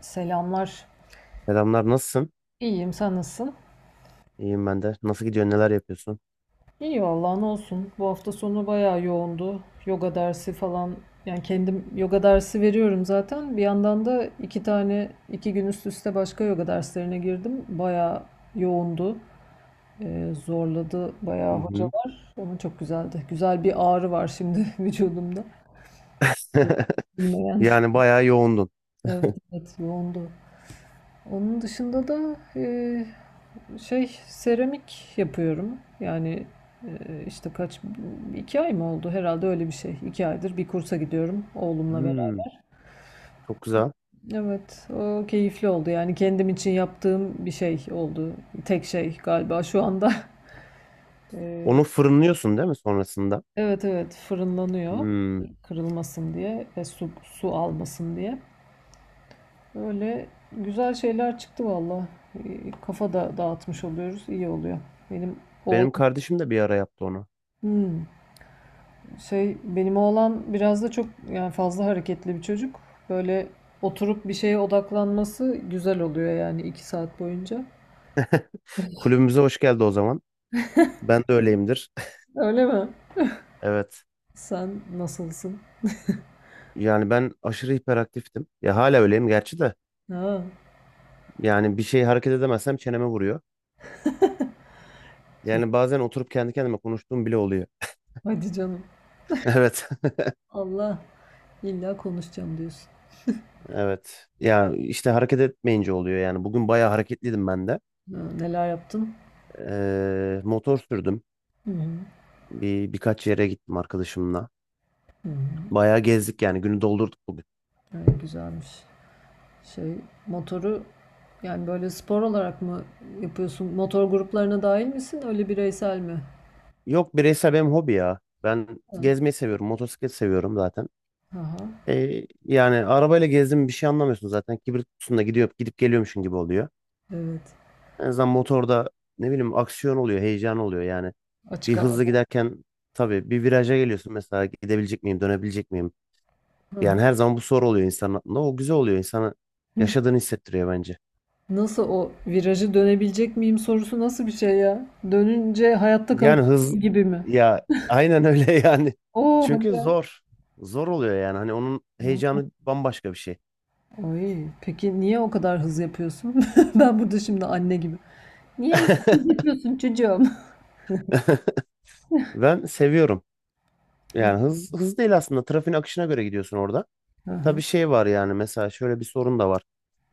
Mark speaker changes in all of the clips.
Speaker 1: Selamlar.
Speaker 2: Selamlar, nasılsın?
Speaker 1: İyiyim, sen nasılsın?
Speaker 2: İyiyim ben de. Nasıl gidiyor, neler yapıyorsun?
Speaker 1: İyi vallahi ne olsun. Bu hafta sonu bayağı yoğundu. Yoga dersi falan. Yani kendim yoga dersi veriyorum zaten. Bir yandan da 2 gün üst üste başka yoga derslerine girdim. Bayağı yoğundu. Zorladı
Speaker 2: Hı
Speaker 1: bayağı
Speaker 2: hı.
Speaker 1: hocalar. Ama çok güzeldi. Güzel bir ağrı var şimdi vücudumda. Hiç bilmeyen.
Speaker 2: Yani bayağı yoğundun.
Speaker 1: Evet, evet, yoğundu. Onun dışında da şey seramik yapıyorum. Yani işte kaç 2 ay mı oldu herhalde öyle bir şey. 2 aydır bir kursa gidiyorum oğlumla
Speaker 2: Hmm,
Speaker 1: beraber.
Speaker 2: çok güzel.
Speaker 1: Evet, o keyifli oldu yani kendim için yaptığım bir şey oldu. Tek şey galiba şu anda.
Speaker 2: Onu fırınlıyorsun değil mi sonrasında?
Speaker 1: Evet, evet, fırınlanıyor
Speaker 2: Hmm.
Speaker 1: kırılmasın diye ve su almasın diye. Öyle güzel şeyler çıktı valla. Kafa da dağıtmış oluyoruz, iyi oluyor. Benim oğlan
Speaker 2: Benim kardeşim de bir ara yaptı onu.
Speaker 1: Hmm. Şey, benim oğlan biraz da çok yani fazla hareketli bir çocuk. Böyle oturup bir şeye odaklanması güzel oluyor yani 2 saat boyunca.
Speaker 2: Kulübümüze hoş geldi o zaman. Ben de öyleyimdir.
Speaker 1: Öyle mi?
Speaker 2: Evet.
Speaker 1: Sen nasılsın?
Speaker 2: Yani ben aşırı hiperaktiftim. Ya hala öyleyim gerçi de.
Speaker 1: Ha,
Speaker 2: Yani bir şey hareket edemezsem çeneme vuruyor.
Speaker 1: çok-
Speaker 2: Yani bazen oturup kendi kendime konuştuğum bile oluyor.
Speaker 1: hadi canım.
Speaker 2: Evet.
Speaker 1: Allah illa konuşacağım diyorsun.
Speaker 2: Evet. Ya işte hareket etmeyince oluyor yani. Bugün bayağı hareketliydim ben de.
Speaker 1: Ha, neler yaptın?
Speaker 2: Motor sürdüm.
Speaker 1: Hı hı.
Speaker 2: Birkaç yere gittim arkadaşımla.
Speaker 1: Hı hı.
Speaker 2: Bayağı gezdik yani günü doldurduk bugün.
Speaker 1: Ha, güzelmiş. Şey, motoru yani böyle spor olarak mı yapıyorsun? Motor gruplarına dahil misin? Öyle bireysel mi?
Speaker 2: Yok bireysel benim hobi ya. Ben
Speaker 1: Ha,
Speaker 2: gezmeyi seviyorum. Motosiklet seviyorum zaten.
Speaker 1: aha,
Speaker 2: Yani arabayla gezdim bir şey anlamıyorsun zaten. Kibrit kutusunda gidiyor, gidip geliyormuşsun gibi oluyor.
Speaker 1: evet.
Speaker 2: En azından motorda ne bileyim aksiyon oluyor, heyecan oluyor yani. Bir
Speaker 1: Açık hava.
Speaker 2: hızlı giderken tabii bir viraja geliyorsun mesela gidebilecek miyim, dönebilecek miyim?
Speaker 1: Aha.
Speaker 2: Yani her zaman bu soru oluyor insanın aklında. O güzel oluyor. İnsanı yaşadığını hissettiriyor bence.
Speaker 1: Nasıl o virajı dönebilecek miyim sorusu nasıl bir şey ya? Dönünce hayatta
Speaker 2: Yani
Speaker 1: kalacak
Speaker 2: hız
Speaker 1: şey gibi mi?
Speaker 2: ya aynen öyle yani.
Speaker 1: Oo,
Speaker 2: Çünkü
Speaker 1: hadi.
Speaker 2: zor. Zor oluyor yani. Hani onun
Speaker 1: Ya.
Speaker 2: heyecanı bambaşka bir şey.
Speaker 1: Ay, peki niye o kadar hız yapıyorsun? Ben burada şimdi anne gibi. Niye hız yapıyorsun çocuğum?
Speaker 2: Ben seviyorum. Yani hız hız değil aslında. Trafiğin akışına göre gidiyorsun orada.
Speaker 1: Hı hı.
Speaker 2: Tabii şey var yani mesela şöyle bir sorun da var.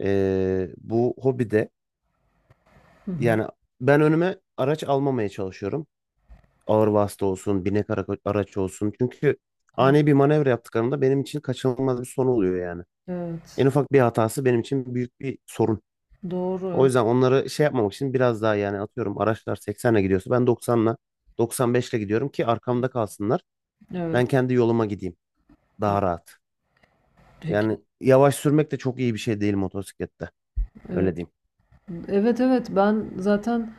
Speaker 2: Bu hobide
Speaker 1: Hı hı.
Speaker 2: yani ben önüme araç almamaya çalışıyorum. Ağır vasıta olsun, binek araç olsun. Çünkü
Speaker 1: Ha,
Speaker 2: ani bir manevra yaptıklarında benim için kaçınılmaz bir son oluyor yani. En
Speaker 1: evet.
Speaker 2: ufak bir hatası benim için büyük bir sorun.
Speaker 1: Doğru.
Speaker 2: O
Speaker 1: Evet.
Speaker 2: yüzden onları şey yapmamak için biraz daha yani atıyorum araçlar 80'le gidiyorsa ben 90'la 95'le gidiyorum ki arkamda kalsınlar. Ben
Speaker 1: Evet,
Speaker 2: kendi yoluma gideyim.
Speaker 1: evet.
Speaker 2: Daha rahat.
Speaker 1: Peki.
Speaker 2: Yani yavaş sürmek de çok iyi bir şey değil motosiklette.
Speaker 1: Evet.
Speaker 2: Öyle diyeyim.
Speaker 1: Evet, evet, ben zaten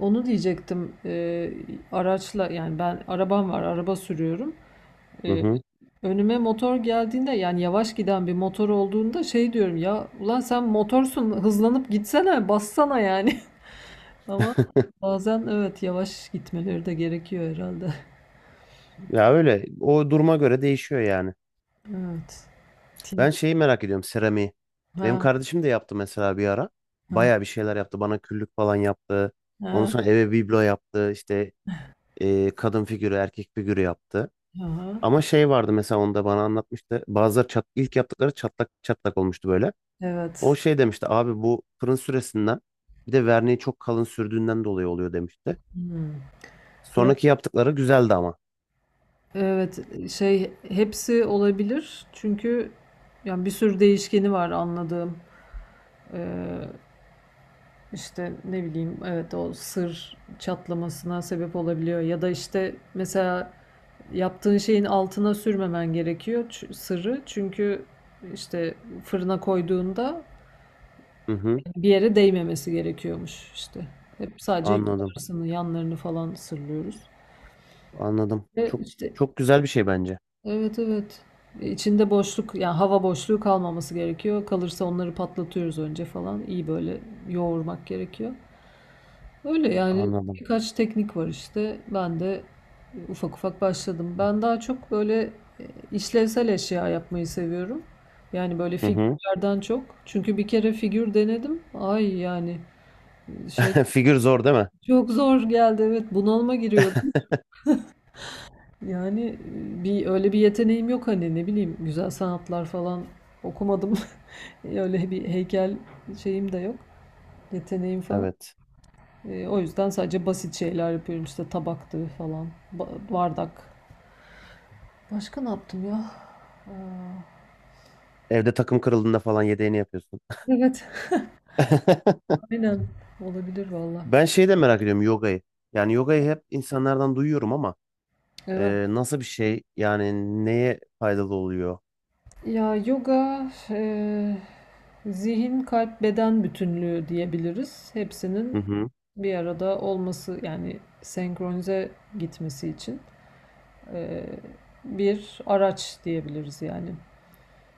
Speaker 1: onu diyecektim. Araçla yani ben arabam var, araba sürüyorum.
Speaker 2: Hı
Speaker 1: Ee,
Speaker 2: hı.
Speaker 1: Önüme motor geldiğinde yani yavaş giden bir motor olduğunda şey diyorum ya ulan sen motorsun hızlanıp gitsene bassana yani. Ama bazen evet yavaş gitmeleri de gerekiyor herhalde.
Speaker 2: Ya öyle. O duruma göre değişiyor yani.
Speaker 1: Evet.
Speaker 2: Ben
Speaker 1: Tin-
Speaker 2: şeyi merak ediyorum, seramiği. Benim
Speaker 1: Ha,
Speaker 2: kardeşim de yaptı mesela bir ara.
Speaker 1: ha,
Speaker 2: Bayağı bir şeyler yaptı. Bana küllük falan yaptı. Ondan
Speaker 1: ha,
Speaker 2: sonra eve biblo yaptı. İşte kadın figürü, erkek figürü yaptı.
Speaker 1: aha.
Speaker 2: Ama şey vardı mesela onda bana anlatmıştı. Bazıları ilk yaptıkları çatlak çatlak olmuştu böyle. O
Speaker 1: Evet.
Speaker 2: şey demişti, abi bu fırın süresinden bir de verniği çok kalın sürdüğünden dolayı oluyor demişti.
Speaker 1: Hmm. Ya,
Speaker 2: Sonraki yaptıkları güzeldi ama.
Speaker 1: evet şey hepsi olabilir çünkü yani bir sürü değişkeni var, anladığım. Ee, işte ne bileyim evet o sır çatlamasına sebep olabiliyor ya da işte mesela yaptığın şeyin altına sürmemen gerekiyor sırrı. Çünkü işte fırına koyduğunda
Speaker 2: Hı hı,
Speaker 1: bir yere değmemesi gerekiyormuş işte. Hep sadece
Speaker 2: anladım.
Speaker 1: yukarısını, yanlarını falan sırlıyoruz.
Speaker 2: Anladım.
Speaker 1: Ve
Speaker 2: Çok
Speaker 1: işte
Speaker 2: çok güzel bir şey bence.
Speaker 1: evet, evet. İçinde boşluk yani hava boşluğu kalmaması gerekiyor. Kalırsa onları patlatıyoruz önce falan. İyi böyle yoğurmak gerekiyor. Öyle yani
Speaker 2: Anladım.
Speaker 1: birkaç teknik var işte. Ben de ufak ufak başladım. Ben daha çok böyle e, işlevsel eşya yapmayı seviyorum. Yani böyle
Speaker 2: Hı hı.
Speaker 1: figürlerden çok. Çünkü bir kere figür denedim. Ay yani şey
Speaker 2: Figür zor değil mi?
Speaker 1: çok zor geldi. Evet, bunalıma giriyordum. Yani e, bir öyle bir yeteneğim yok hani ne bileyim güzel sanatlar falan okumadım. Öyle bir heykel şeyim de yok. Yeteneğim falan.
Speaker 2: Evet.
Speaker 1: O yüzden sadece basit şeyler yapıyorum işte, tabaktı falan, bardak. Başka ne yaptım ya? Aa,
Speaker 2: Evde takım kırıldığında falan yedeğini yapıyorsun.
Speaker 1: evet. Aynen. Olabilir valla.
Speaker 2: Ben şeyi de merak ediyorum, yogayı. Yani yogayı hep insanlardan duyuyorum ama
Speaker 1: Evet.
Speaker 2: nasıl bir şey? Yani neye faydalı oluyor?
Speaker 1: Ya, yoga zihin, kalp, beden bütünlüğü diyebiliriz. Hepsinin
Speaker 2: Hı hı.
Speaker 1: bir arada olması yani senkronize gitmesi için e, bir araç diyebiliriz yani.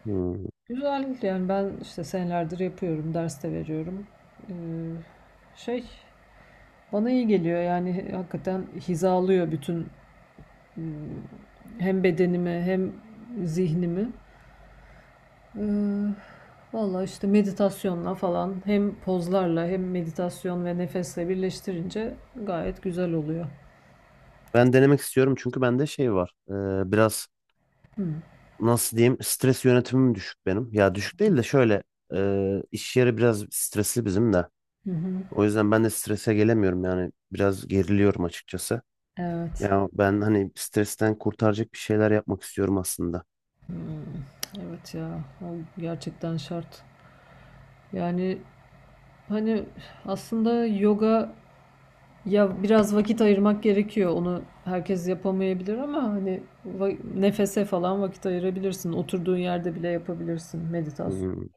Speaker 2: Hı.
Speaker 1: Güzel yani ben işte senelerdir yapıyorum, ders de veriyorum. E, şey bana iyi geliyor yani hakikaten hizalıyor bütün m, hem bedenimi hem zihnimi. Ee, Valla işte meditasyonla falan hem pozlarla hem meditasyon ve nefesle birleştirince gayet güzel oluyor.
Speaker 2: Ben denemek istiyorum çünkü bende şey var. Biraz
Speaker 1: Hı.
Speaker 2: nasıl diyeyim, stres yönetimim düşük benim. Ya düşük değil de şöyle iş yeri biraz stresli bizim de.
Speaker 1: Hı hı.
Speaker 2: O yüzden ben de strese gelemiyorum yani biraz geriliyorum açıkçası.
Speaker 1: Evet.
Speaker 2: Ya ben hani stresten kurtaracak bir şeyler yapmak istiyorum aslında.
Speaker 1: Hmm. Evet, ya o gerçekten şart. Yani hani aslında yoga ya biraz vakit ayırmak gerekiyor. Onu herkes yapamayabilir ama hani nefese falan vakit ayırabilirsin. Oturduğun yerde bile yapabilirsin meditasyon.
Speaker 2: Hı.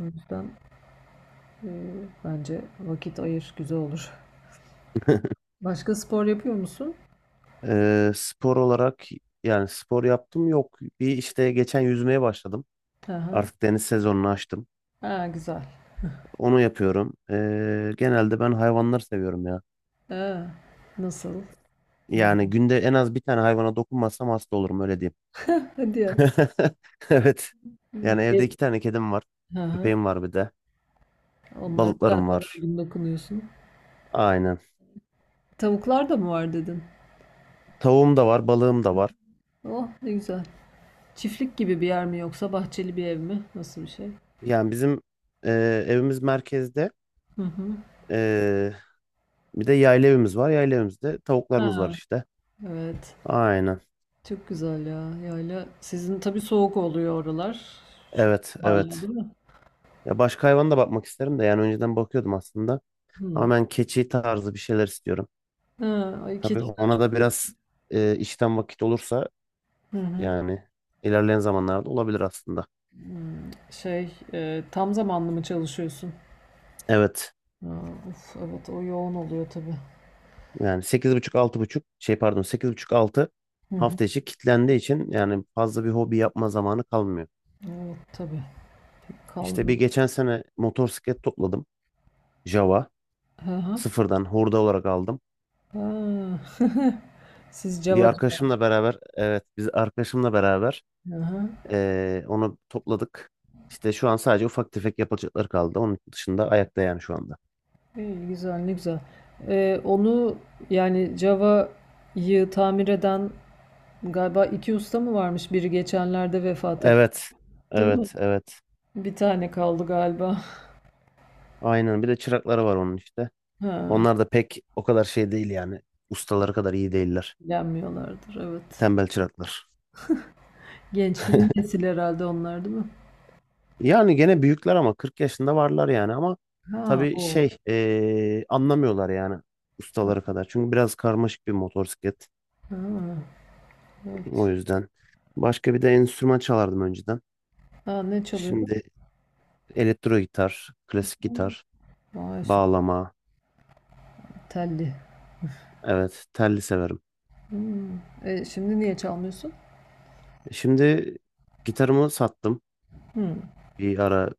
Speaker 1: O yüzden e, bence vakit ayır, güzel olur. Başka spor yapıyor musun?
Speaker 2: Spor olarak yani spor yaptım yok. Bir işte geçen yüzmeye başladım.
Speaker 1: Aha.
Speaker 2: Artık deniz sezonunu açtım.
Speaker 1: Ha, güzel.
Speaker 2: Onu yapıyorum. Genelde ben hayvanları seviyorum ya.
Speaker 1: Ha, nasıl? Ne?
Speaker 2: Yani günde en az bir tane hayvana dokunmazsam hasta olurum, öyle diyeyim.
Speaker 1: Hadi ya.
Speaker 2: Evet. Yani evde
Speaker 1: E,
Speaker 2: iki tane kedim var.
Speaker 1: aha.
Speaker 2: Köpeğim var bir de.
Speaker 1: Onlara
Speaker 2: Balıklarım
Speaker 1: zaten her
Speaker 2: var.
Speaker 1: gün dokunuyorsun.
Speaker 2: Aynen.
Speaker 1: Tavuklar da mı var dedin?
Speaker 2: Tavuğum da var, balığım da var.
Speaker 1: Oh, ne güzel. Çiftlik gibi bir yer mi yoksa bahçeli bir ev mi? Nasıl bir şey?
Speaker 2: Yani bizim e, evimiz merkezde.
Speaker 1: Hı hı.
Speaker 2: E, bir de yayla evimiz var. Yayla evimizde tavuklarımız var
Speaker 1: Ha,
Speaker 2: işte.
Speaker 1: evet.
Speaker 2: Aynen.
Speaker 1: Çok güzel ya. Yayla. Sizin tabii soğuk oluyor oralar. Şu
Speaker 2: Evet,
Speaker 1: hala
Speaker 2: evet.
Speaker 1: değil mi?
Speaker 2: Ya başka hayvana da bakmak isterim de yani önceden bakıyordum aslında.
Speaker 1: Hı.
Speaker 2: Ama ben keçi tarzı bir şeyler istiyorum.
Speaker 1: Ha, ay
Speaker 2: Tabii
Speaker 1: keçi.
Speaker 2: ona da biraz işten vakit olursa,
Speaker 1: Hı hı.
Speaker 2: yani ilerleyen zamanlarda olabilir aslında.
Speaker 1: Hmm, tam zamanlı mı çalışıyorsun?
Speaker 2: Evet.
Speaker 1: Ha, of, evet o yoğun oluyor tabii.
Speaker 2: Yani sekiz buçuk altı buçuk, şey, pardon, 8.30-6,
Speaker 1: Hı hı.
Speaker 2: hafta içi kitlendiği için yani fazla bir hobi yapma zamanı kalmıyor.
Speaker 1: Evet tabii.
Speaker 2: İşte
Speaker 1: Kalmıyor.
Speaker 2: bir geçen sene motosiklet topladım. Java.
Speaker 1: Hı hı.
Speaker 2: Sıfırdan hurda olarak aldım.
Speaker 1: Ha. Siz
Speaker 2: Bir
Speaker 1: Java.
Speaker 2: arkadaşımla beraber, evet, biz arkadaşımla beraber
Speaker 1: Hı hı.
Speaker 2: onu topladık. İşte şu an sadece ufak tefek yapılacakları kaldı. Onun dışında ayakta yani şu anda.
Speaker 1: İyi, güzel, ne güzel. Onu yani Java'yı tamir eden galiba iki usta mı varmış? Biri geçenlerde vefat etti,
Speaker 2: Evet.
Speaker 1: değil mi?
Speaker 2: Evet. Evet.
Speaker 1: Bir tane kaldı galiba.
Speaker 2: Aynen. Bir de çırakları var onun işte.
Speaker 1: Ha,
Speaker 2: Onlar da pek o kadar şey değil yani. Ustaları kadar iyi değiller.
Speaker 1: ilgilenmiyorlardır evet.
Speaker 2: Tembel çıraklar.
Speaker 1: Genç yeni nesil herhalde onlar değil mi?
Speaker 2: Yani gene büyükler ama 40 yaşında varlar yani, ama
Speaker 1: Ha
Speaker 2: tabii
Speaker 1: o.
Speaker 2: şey anlamıyorlar yani, ustaları kadar. Çünkü biraz karmaşık bir motosiklet
Speaker 1: Ha,
Speaker 2: o
Speaker 1: evet.
Speaker 2: yüzden. Başka bir de enstrüman çalardım önceden.
Speaker 1: Ha, ne çalıyordu?
Speaker 2: Şimdi elektro gitar, klasik gitar,
Speaker 1: Vay, süper
Speaker 2: bağlama,
Speaker 1: telli.
Speaker 2: evet, telli severim.
Speaker 1: Hımm. Şimdi niye çalmıyorsun?
Speaker 2: Şimdi gitarımı sattım
Speaker 1: Hımm.
Speaker 2: bir ara,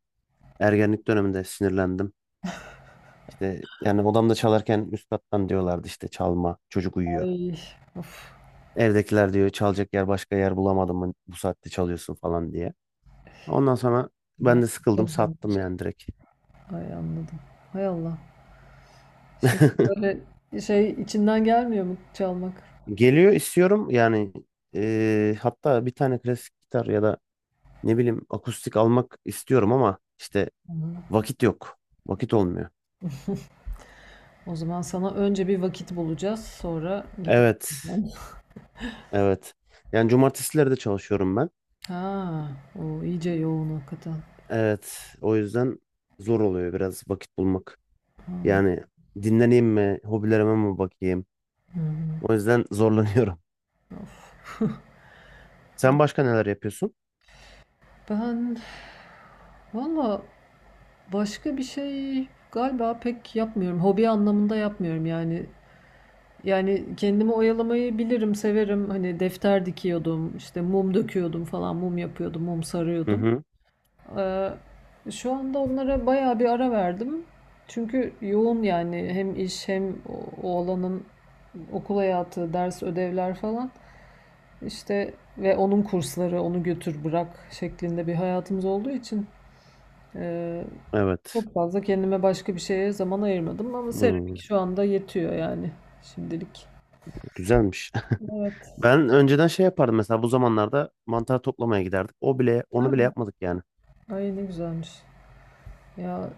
Speaker 2: ergenlik döneminde sinirlendim. İşte yani odamda çalarken üst kattan diyorlardı işte, çalma çocuk uyuyor.
Speaker 1: Ay, of!
Speaker 2: Evdekiler diyor çalacak yer, başka yer bulamadım mı bu saatte çalıyorsun falan diye. Ondan sonra ben
Speaker 1: Nereden
Speaker 2: de sıkıldım,
Speaker 1: çalacağım
Speaker 2: sattım
Speaker 1: başka?
Speaker 2: yani, direkt.
Speaker 1: Ay, anladım. Hay Allah. Şimdi böyle şey içinden gelmiyor mu çalmak?
Speaker 2: Geliyor, istiyorum yani, hatta bir tane klasik gitar ya da ne bileyim akustik almak istiyorum ama işte
Speaker 1: Hımm.
Speaker 2: vakit yok. Vakit olmuyor.
Speaker 1: O zaman sana önce bir vakit bulacağız, sonra git.
Speaker 2: Evet, evet. Yani cumartesileri de çalışıyorum ben.
Speaker 1: Ha, o iyice yoğun hakikaten.
Speaker 2: Evet, o yüzden zor oluyor biraz vakit bulmak.
Speaker 1: An
Speaker 2: Yani dinleneyim mi, hobilerime mi bakayım?
Speaker 1: Hı hı.
Speaker 2: O yüzden zorlanıyorum.
Speaker 1: Of!
Speaker 2: Sen başka neler yapıyorsun?
Speaker 1: Ben valla başka bir şey galiba pek yapmıyorum. Hobi anlamında yapmıyorum yani. Yani kendimi oyalamayı bilirim, severim. Hani defter dikiyordum, işte mum döküyordum falan, mum yapıyordum, mum
Speaker 2: Hı
Speaker 1: sarıyordum.
Speaker 2: hı.
Speaker 1: Ee, şu anda onlara bayağı bir ara verdim. Çünkü yoğun yani hem iş hem o alanın okul hayatı, ders, ödevler falan. İşte ve onun kursları, onu götür bırak şeklinde bir hayatımız olduğu için e,
Speaker 2: Evet.
Speaker 1: çok fazla kendime başka bir şeye zaman ayırmadım ama
Speaker 2: Hmm,
Speaker 1: seramik şu anda yetiyor yani şimdilik.
Speaker 2: güzelmiş.
Speaker 1: Evet.
Speaker 2: Ben önceden şey yapardım mesela, bu zamanlarda mantar toplamaya giderdik. O bile, onu bile yapmadık yani.
Speaker 1: Ay, ne güzelmiş. Ya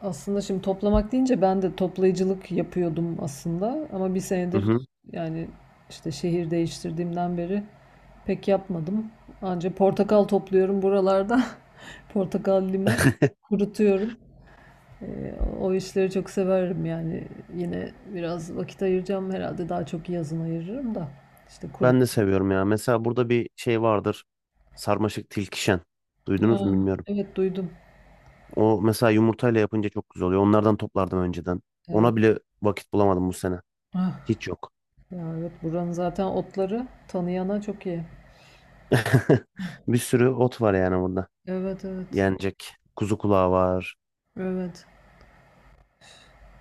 Speaker 1: aslında şimdi toplamak deyince ben de toplayıcılık yapıyordum aslında ama bir
Speaker 2: Hı
Speaker 1: senedir
Speaker 2: hı.
Speaker 1: yani işte şehir değiştirdiğimden beri pek yapmadım. Anca portakal topluyorum buralarda. Portakal, limon kurutuyorum. Ee, o işleri çok severim yani. Yine biraz vakit ayıracağım herhalde. Daha çok yazın ayırırım da. İşte kurut.
Speaker 2: Ben de seviyorum ya. Mesela burada bir şey vardır. Sarmaşık tilkişen. Duydunuz mu bilmiyorum.
Speaker 1: Evet, duydum.
Speaker 2: O mesela yumurtayla yapınca çok güzel oluyor. Onlardan toplardım önceden.
Speaker 1: Evet.
Speaker 2: Ona bile vakit bulamadım bu sene.
Speaker 1: Ah.
Speaker 2: Hiç yok.
Speaker 1: Ya, evet, buranın zaten otları tanıyana çok iyi.
Speaker 2: Bir sürü ot var yani burada.
Speaker 1: Evet, evet.
Speaker 2: Yenecek. Kuzu kulağı var.
Speaker 1: Evet.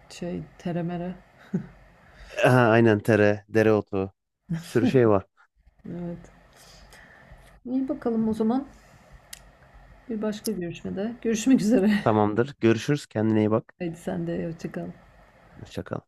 Speaker 1: Şey teremere.
Speaker 2: Aha, aynen, tere, dereotu. Bir sürü şey var.
Speaker 1: Evet. İyi, bakalım o zaman. Bir başka görüşmede. Görüşmek üzere.
Speaker 2: Tamamdır. Görüşürüz. Kendine iyi bak.
Speaker 1: Haydi sen de hoşça kal.
Speaker 2: Hoşça kal.